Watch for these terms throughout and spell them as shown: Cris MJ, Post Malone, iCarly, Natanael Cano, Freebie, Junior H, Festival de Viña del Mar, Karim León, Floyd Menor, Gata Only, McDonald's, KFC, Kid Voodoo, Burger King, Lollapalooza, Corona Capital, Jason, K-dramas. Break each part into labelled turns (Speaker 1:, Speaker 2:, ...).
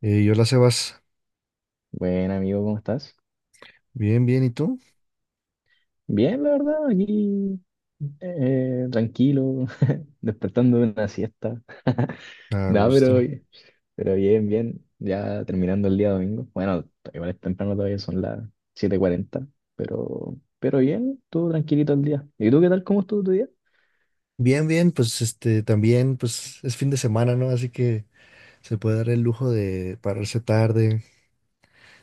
Speaker 1: Hola Sebas,
Speaker 2: Buen amigo, ¿cómo estás?
Speaker 1: bien, bien, ¿y tú?
Speaker 2: Bien, la verdad, aquí tranquilo, despertando de una siesta.
Speaker 1: A
Speaker 2: No, pero,
Speaker 1: gusto.
Speaker 2: pero bien, bien, ya terminando el día domingo. Bueno, igual es temprano todavía, son las 7:40 pero bien, todo tranquilito el día. ¿Y tú qué tal? ¿Cómo estuvo tu día?
Speaker 1: Bien, bien, pues este también, pues es fin de semana, ¿no? Así que se puede dar el lujo de pararse tarde,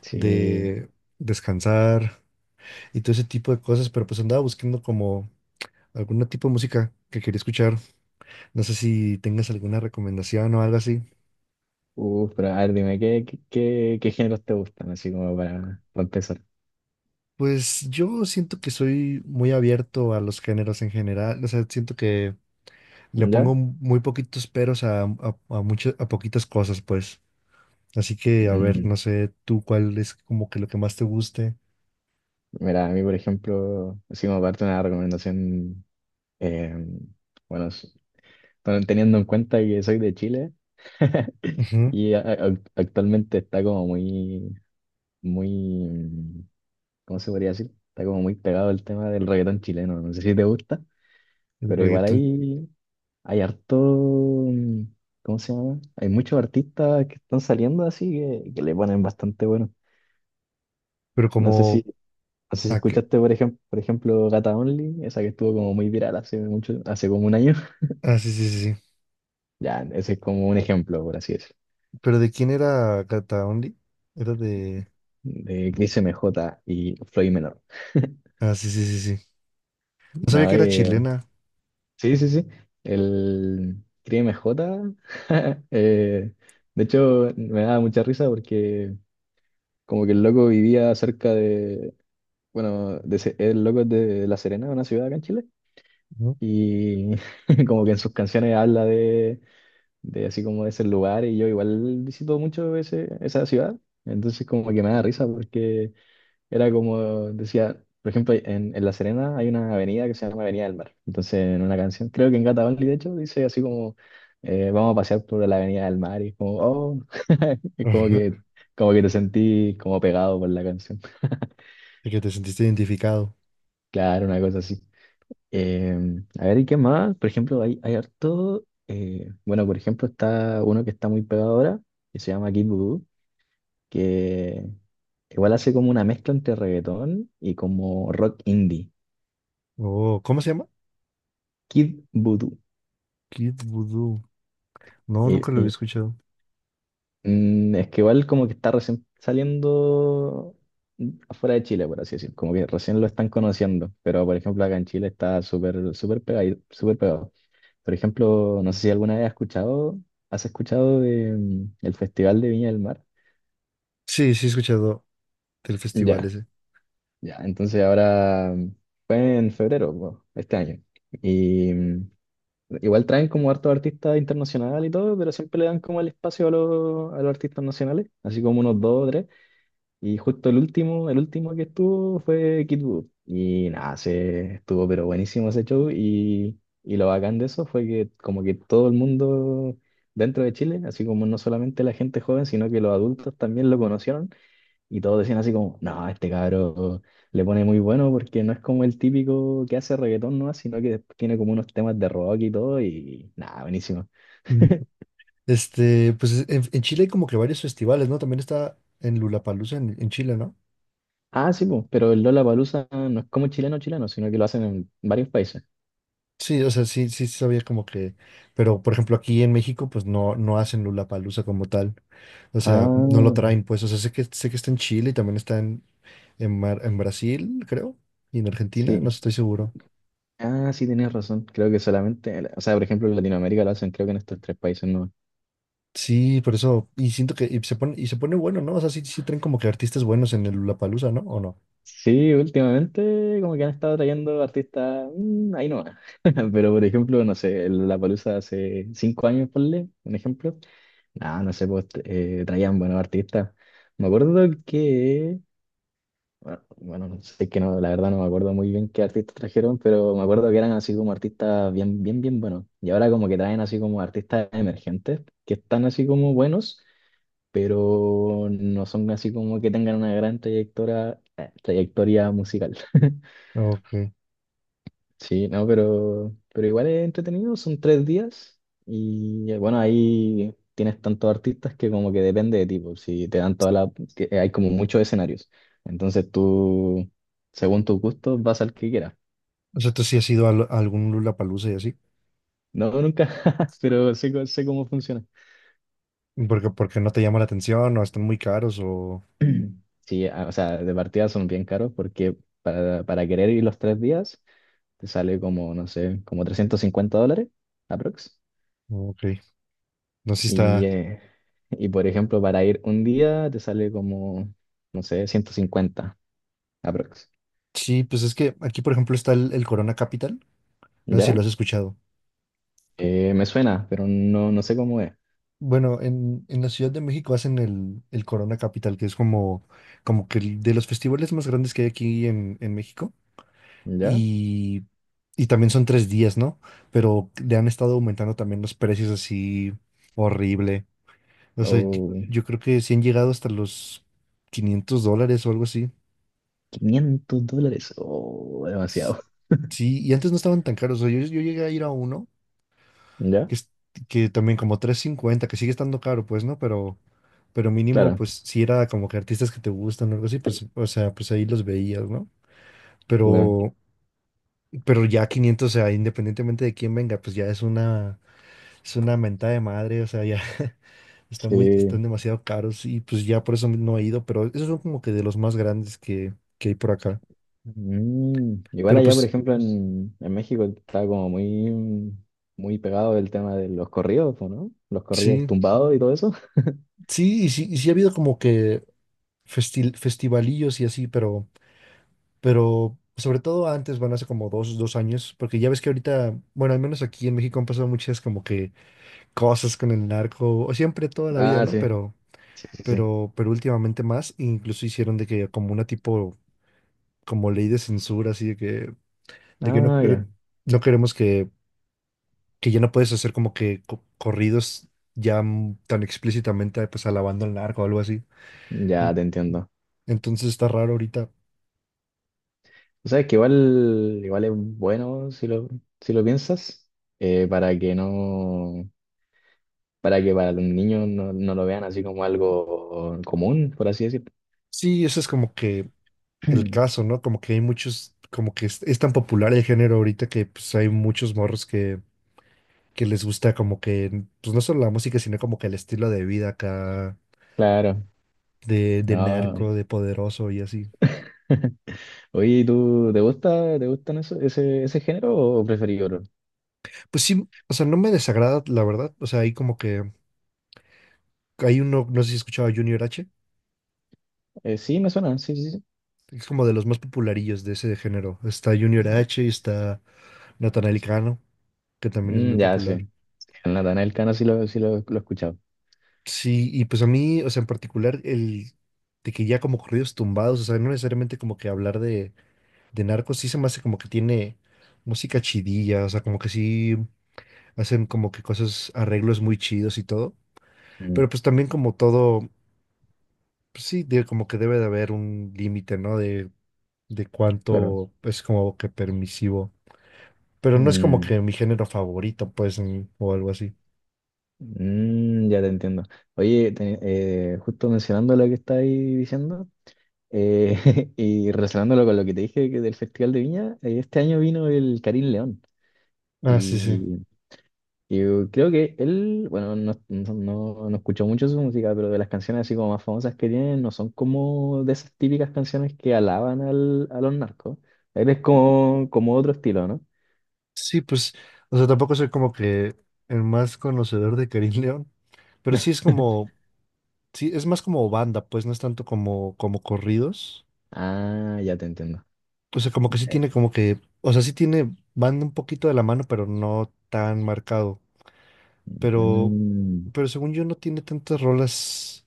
Speaker 2: Sí,
Speaker 1: de descansar y todo ese tipo de cosas, pero pues andaba buscando como algún tipo de música que quería escuchar. No sé si tengas alguna recomendación o algo así.
Speaker 2: uff, pero a ver, dime, ¿qué géneros te gustan? Así como para empezar.
Speaker 1: Pues yo siento que soy muy abierto a los géneros en general, o sea, siento que le pongo
Speaker 2: ¿Ya?
Speaker 1: muy poquitos peros a poquitas cosas, pues. Así que, a ver,
Speaker 2: Mm,
Speaker 1: no sé tú cuál es como que lo que más te guste.
Speaker 2: mira, a mí, por ejemplo, así como parte de una recomendación, eh, bueno, pero teniendo en cuenta que soy de Chile
Speaker 1: Ujú,
Speaker 2: y actualmente está como muy, muy, ¿cómo se podría decir? Está como muy pegado el tema del reggaetón chileno. No sé si te gusta,
Speaker 1: el
Speaker 2: pero igual
Speaker 1: reggaetón.
Speaker 2: hay harto, ¿cómo se llama? Hay muchos artistas que están saliendo así que le ponen bastante bueno.
Speaker 1: Pero
Speaker 2: No sé si,
Speaker 1: como...
Speaker 2: no sé si
Speaker 1: Ah,
Speaker 2: escuchaste, por ejemplo, Gata Only, esa que estuvo como muy viral hace mucho, hace como un año.
Speaker 1: ah, sí, sí, sí, sí.
Speaker 2: Ya, ese es como un ejemplo, por así decirlo,
Speaker 1: ¿Pero de quién era Gata Only? Era de...
Speaker 2: de Cris MJ y Floyd Menor.
Speaker 1: Ah, sí, sí, sí, sí. No sabía
Speaker 2: No,
Speaker 1: que era chilena.
Speaker 2: sí, sí, sí. El Crime J. eh, de hecho, me daba mucha risa porque como que el loco vivía cerca de, bueno, de, el loco es de La Serena, una ciudad acá en Chile,
Speaker 1: Ujú.
Speaker 2: y como que en sus canciones habla de así como de ese lugar, y yo igual visito mucho ese, esa ciudad, entonces como que me da risa porque... Era como decía, por ejemplo, en La Serena hay una avenida que se llama Avenida del Mar. Entonces, en una canción, creo que en Gata Only, de hecho, dice así como, vamos a pasear por la Avenida del Mar. Y es como, oh, es como
Speaker 1: Ajá,
Speaker 2: que, como que te sentí como pegado por la canción.
Speaker 1: de que te sentiste identificado.
Speaker 2: Claro, una cosa así. Eh, a ver, ¿y qué más? Por ejemplo, hay harto, bueno, por ejemplo, está uno que está muy pegado ahora, que se llama Kid Voodoo, que igual hace como una mezcla entre reggaetón y como rock indie.
Speaker 1: Oh, ¿cómo se llama?
Speaker 2: Kid Voodoo.
Speaker 1: Kid Voodoo. No,
Speaker 2: Eh,
Speaker 1: nunca lo había
Speaker 2: eh,
Speaker 1: escuchado.
Speaker 2: es que igual como que está recién saliendo afuera de Chile, por así decir. Como que recién lo están conociendo. Pero por ejemplo acá en Chile está súper súper pegado, súper pegado. Por ejemplo, no sé si alguna vez has escuchado de, el Festival de Viña del Mar.
Speaker 1: Sí, sí he escuchado del festival
Speaker 2: Ya,
Speaker 1: ese.
Speaker 2: ya. Entonces ahora fue en febrero, po, este año. Y igual traen como hartos artistas internacionales y todo, pero siempre le dan como el espacio a los artistas nacionales, así como unos dos o tres. Y justo el último que estuvo fue Kid Voodoo. Y nada, se estuvo pero buenísimo ese show. Y lo bacán de eso fue que como que todo el mundo dentro de Chile, así como no solamente la gente joven, sino que los adultos también lo conocieron. Y todos decían así como, no, este cabrón le pone muy bueno porque no es como el típico que hace reggaetón, ¿no? Sino que después tiene como unos temas de rock y todo y nada, buenísimo.
Speaker 1: Mm. Pues en Chile hay como que varios festivales, ¿no? También está en Lollapalooza en Chile, ¿no?
Speaker 2: Ah, sí, pues, pero el Lollapalooza no es como chileno chileno, sino que lo hacen en varios países.
Speaker 1: Sí, o sea, sí, sí sabía como que, pero por ejemplo aquí en México pues no, no hacen Lollapalooza como tal, o sea, no lo
Speaker 2: Ah,
Speaker 1: traen pues, o sea, sé que está en Chile y también está en, en Brasil, creo, y en Argentina, no
Speaker 2: sí.
Speaker 1: estoy seguro.
Speaker 2: Ah, sí, tenías razón. Creo que solamente, o sea, por ejemplo, en Latinoamérica lo hacen creo que en estos tres países, no.
Speaker 1: Sí, por eso, y siento que y se pone bueno, ¿no? O sea, sí, sí traen como que artistas buenos en el Lollapalooza, ¿no? ¿O no?
Speaker 2: Sí, últimamente como que han estado trayendo artistas, ahí no. Pero por ejemplo, no sé, el Lollapalooza hace 5 años, ponle, un ejemplo, ah, no sé, pues traían buenos artistas. Me acuerdo que, bueno, bueno, no sé, es que no, la verdad no me acuerdo muy bien qué artistas trajeron, pero me acuerdo que eran así como artistas bien, bien, bien buenos. Y ahora como que traen así como artistas emergentes, que están así como buenos, pero no son así como que tengan una gran trayectoria musical.
Speaker 1: Ok.
Speaker 2: Sí, no, pero igual es entretenido, son 3 días y bueno, ahí tienes tantos artistas que como que depende de ti, pues, si te dan toda la... Que hay como muchos escenarios, entonces tú, según tus gustos, vas al que quieras.
Speaker 1: O sea, tú sí has ido a, a algún Lollapalooza y así,
Speaker 2: No, nunca, pero sé, sé cómo funciona.
Speaker 1: porque no te llama la atención o están muy caros o...
Speaker 2: Sí, ah, o sea, de partida son bien caros porque para querer ir los 3 días te sale como, no sé, como 350 dólares, aprox.
Speaker 1: Ok, no sé si
Speaker 2: Y,
Speaker 1: está...
Speaker 2: eh, y por ejemplo, para ir un día te sale como, no sé, 150, aprox.
Speaker 1: Sí, pues es que aquí, por ejemplo, está el Corona Capital. No sé si lo
Speaker 2: ¿Ya?
Speaker 1: has escuchado.
Speaker 2: Me suena, pero no, no sé cómo es.
Speaker 1: Bueno, en la Ciudad de México hacen el Corona Capital, que es como, como que el de los festivales más grandes que hay aquí en México.
Speaker 2: ¿Ya?
Speaker 1: Y, y también son 3 días, ¿no? Pero le han estado aumentando también los precios así horrible. O sea, yo,
Speaker 2: O
Speaker 1: yo creo que sí han llegado hasta los 500 dólares o algo así.
Speaker 2: 500 dólares, o
Speaker 1: S-
Speaker 2: demasiado.
Speaker 1: Sí, y antes no estaban tan caros. O sea, yo llegué a ir a uno
Speaker 2: ¿Ya?
Speaker 1: que, es- que también como 350 que sigue estando caro, pues, ¿no? Pero mínimo,
Speaker 2: Claro,
Speaker 1: pues, si era como que artistas que te gustan o algo así, pues, o sea, pues ahí los veías, ¿no?
Speaker 2: claro.
Speaker 1: Pero, pero ya 500 o sea, independientemente de quién venga, pues ya es una mentada de madre, o sea, ya está muy,
Speaker 2: Sí.
Speaker 1: están demasiado caros y pues ya por eso no he ido, pero esos son como que de los más grandes que hay por acá.
Speaker 2: Igual
Speaker 1: Pero
Speaker 2: allá, por
Speaker 1: pues
Speaker 2: ejemplo, en México está como muy, muy pegado el tema de los corridos, po, ¿no? Los corridos
Speaker 1: sí,
Speaker 2: tumbados y todo eso.
Speaker 1: sí, y sí, y sí ha habido como que festivalillos y así, pero sobre todo antes, van hace como dos años, porque ya ves que ahorita, bueno, al menos aquí en México han pasado muchas como que cosas con el narco, o siempre toda la vida,
Speaker 2: Ah,
Speaker 1: ¿no?
Speaker 2: sí.
Speaker 1: Pero,
Speaker 2: Sí, sí, sí.
Speaker 1: pero, pero últimamente más, e incluso hicieron de que como una tipo, como ley de censura, así de que no,
Speaker 2: Ah,
Speaker 1: quere-
Speaker 2: ya.
Speaker 1: no queremos que ya no puedes hacer como que corridos ya tan explícitamente, pues alabando al narco o algo así.
Speaker 2: Ya
Speaker 1: En-
Speaker 2: te entiendo.
Speaker 1: Entonces está raro ahorita.
Speaker 2: O sea, es que igual, igual es bueno si lo, si lo piensas, para que no, para que para los niños no, no lo vean así como algo común, por así decirlo.
Speaker 1: Sí, eso es como que el caso, ¿no? Como que hay muchos, como que es tan popular el género ahorita que pues hay muchos morros que les gusta como que, pues no solo la música, sino como que el estilo de vida acá,
Speaker 2: Claro,
Speaker 1: de
Speaker 2: no.
Speaker 1: narco, de poderoso y así.
Speaker 2: Oye, ¿y tú te gusta, te gustan eso, ese género o preferís otro?
Speaker 1: Pues sí, o sea, no me desagrada, la verdad. O sea, hay como que, hay uno, no sé si escuchaba Junior H,
Speaker 2: Sí, me suena, sí, sí,
Speaker 1: es como de los más popularillos de ese género. Está Junior
Speaker 2: sí.
Speaker 1: H y está Natanael Cano, que también es muy
Speaker 2: Mm, ya, sí.
Speaker 1: popular.
Speaker 2: En la Natanael Cano sí lo he escuchado.
Speaker 1: Sí, y pues a mí, o sea, en particular, el de que ya como corridos tumbados, o sea, no necesariamente como que hablar de narcos, sí se me hace como que tiene música chidilla, o sea, como que sí hacen como que cosas, arreglos muy chidos y todo, pero
Speaker 2: Mm,
Speaker 1: pues también como todo, pues sí, de, como que debe de haber un límite, ¿no? De
Speaker 2: claro.
Speaker 1: cuánto es como que permisivo, pero no es como
Speaker 2: Mm,
Speaker 1: que mi género favorito, pues, ni- o algo así.
Speaker 2: mm, ya te entiendo. Oye, justo mencionando lo que estáis diciendo. Y relacionándolo con lo que te dije que del Festival de Viña, este año vino el Karim León
Speaker 1: Ah, sí, sí.
Speaker 2: y, y creo que él, bueno, no escucho mucho su música, pero de las canciones así como más famosas que tiene, no son como de esas típicas canciones que alaban al, a los narcos. Él es como otro estilo, ¿no?
Speaker 1: Sí, pues, o sea, tampoco soy como que el más conocedor de Karim León, pero sí es como, sí, es más como banda, pues no es tanto como, como corridos.
Speaker 2: Ah, ya te entiendo.
Speaker 1: O sea, como que sí
Speaker 2: Eh,
Speaker 1: tiene como que, o sea, sí tiene banda un poquito de la mano, pero no tan marcado. Pero,
Speaker 2: mm,
Speaker 1: pero según yo no tiene tantas rolas,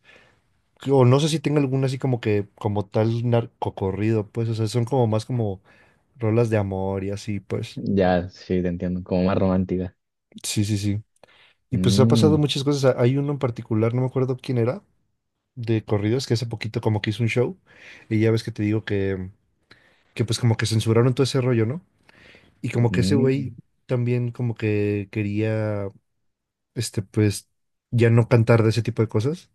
Speaker 1: o no sé si tenga alguna así como que, como tal narcocorrido, pues, o sea, son como más como rolas de amor y así, pues.
Speaker 2: ya, sí, te entiendo, como más romántica.
Speaker 1: Sí, sí, sí. Y pues ha
Speaker 2: Mm,
Speaker 1: pasado muchas cosas. Hay uno en particular, no me acuerdo quién era, de corridos que hace poquito como que hizo un show y ya ves que te digo que pues como que censuraron todo ese rollo, ¿no? Y como que ese güey
Speaker 2: mm,
Speaker 1: también como que quería, este, pues ya no cantar de ese tipo de cosas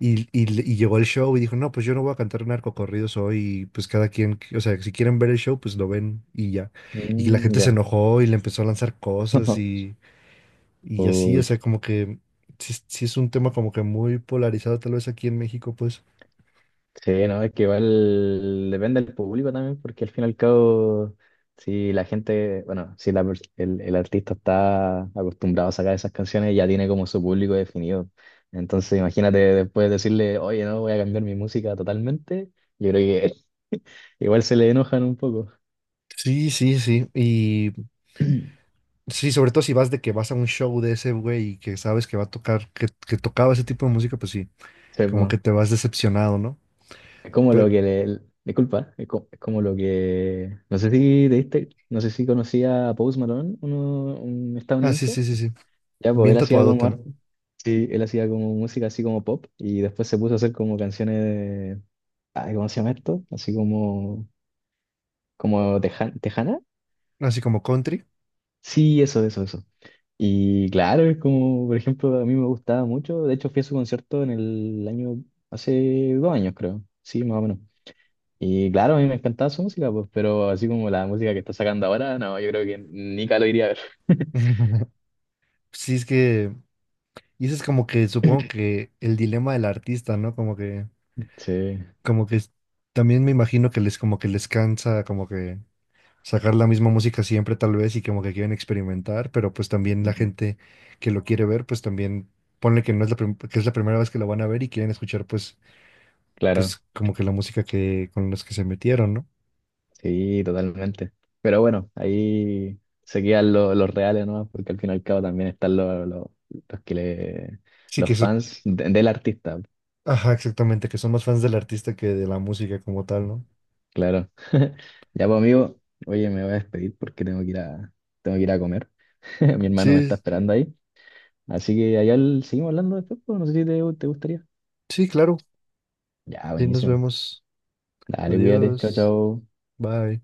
Speaker 1: y llegó al show y dijo, no, pues yo no voy a cantar narcocorridos hoy, pues cada quien, o sea, si quieren ver el show, pues lo ven y ya. Y la
Speaker 2: mm,
Speaker 1: gente se
Speaker 2: ya.
Speaker 1: enojó y le empezó a lanzar cosas y así, o
Speaker 2: Pucha,
Speaker 1: sea, como que... Sí, sí es un tema como que muy polarizado tal vez aquí en México, pues.
Speaker 2: sí, no, es que igual depende del público también, porque al fin y al cabo, si la gente, bueno, si el artista está acostumbrado a sacar esas canciones, ya tiene como su público definido. Entonces, imagínate después decirle, oye, no, voy a cambiar mi música totalmente, yo creo que igual se le enojan un poco.
Speaker 1: Sí, sí, sí. Y sí, sobre todo si vas de que vas a un show de ese güey y que sabes que va a tocar, que tocaba ese tipo de música, pues sí,
Speaker 2: Sí,
Speaker 1: como
Speaker 2: pues,
Speaker 1: que te vas decepcionado, ¿no?
Speaker 2: es como lo
Speaker 1: Pero,
Speaker 2: que le... Disculpa, es como, lo que... No sé si te diste, no sé si conocía a Post Malone, uno, un
Speaker 1: ah, sí,
Speaker 2: estadounidense.
Speaker 1: sí, sí, sí.
Speaker 2: Ya, pues
Speaker 1: Bien
Speaker 2: él hacía
Speaker 1: tatuadote, ¿no?
Speaker 2: sí, él hacía como música así como pop, y después se puso a hacer como canciones de, ay, ¿cómo se llama esto? Así como, tejana.
Speaker 1: Así como country.
Speaker 2: Sí, eso, eso, eso. Y claro, es como, por ejemplo, a mí me gustaba mucho. De hecho, fui a su concierto en el año, hace 2 años, creo. Sí, más o menos. Y claro, a mí me encantaba su música, pues, pero así como la música que está sacando ahora, no, yo creo que nunca lo iría a ver.
Speaker 1: Sí, es que, y eso es como que supongo que el dilema del artista, ¿no? Como que,
Speaker 2: Sí,
Speaker 1: como que es- también me imagino que les, como que les cansa, como que sacar la misma música siempre tal vez y como que quieren experimentar, pero pues también la gente que lo quiere ver, pues también ponle que no es que es la primera vez que lo van a ver y quieren escuchar pues
Speaker 2: claro.
Speaker 1: como que la música que con los que se metieron, ¿no?
Speaker 2: Sí, totalmente. Pero bueno, ahí se quedan los reales, ¿no? Porque al fin y al cabo también están los que le,
Speaker 1: Sí que
Speaker 2: los
Speaker 1: eso,
Speaker 2: fans del artista,
Speaker 1: ajá, exactamente, que son más fans del artista que de la música como tal, ¿no?
Speaker 2: claro. Ya pues amigo, oye, me voy a despedir porque tengo que ir a comer. Mi hermano me está
Speaker 1: Sí,
Speaker 2: esperando ahí. Así que allá seguimos hablando después, pues, no sé si te gustaría.
Speaker 1: sí, claro.
Speaker 2: Ya,
Speaker 1: Sí, nos
Speaker 2: buenísimo.
Speaker 1: vemos.
Speaker 2: Dale, cuídate. Chao,
Speaker 1: Adiós.
Speaker 2: chao.
Speaker 1: Bye.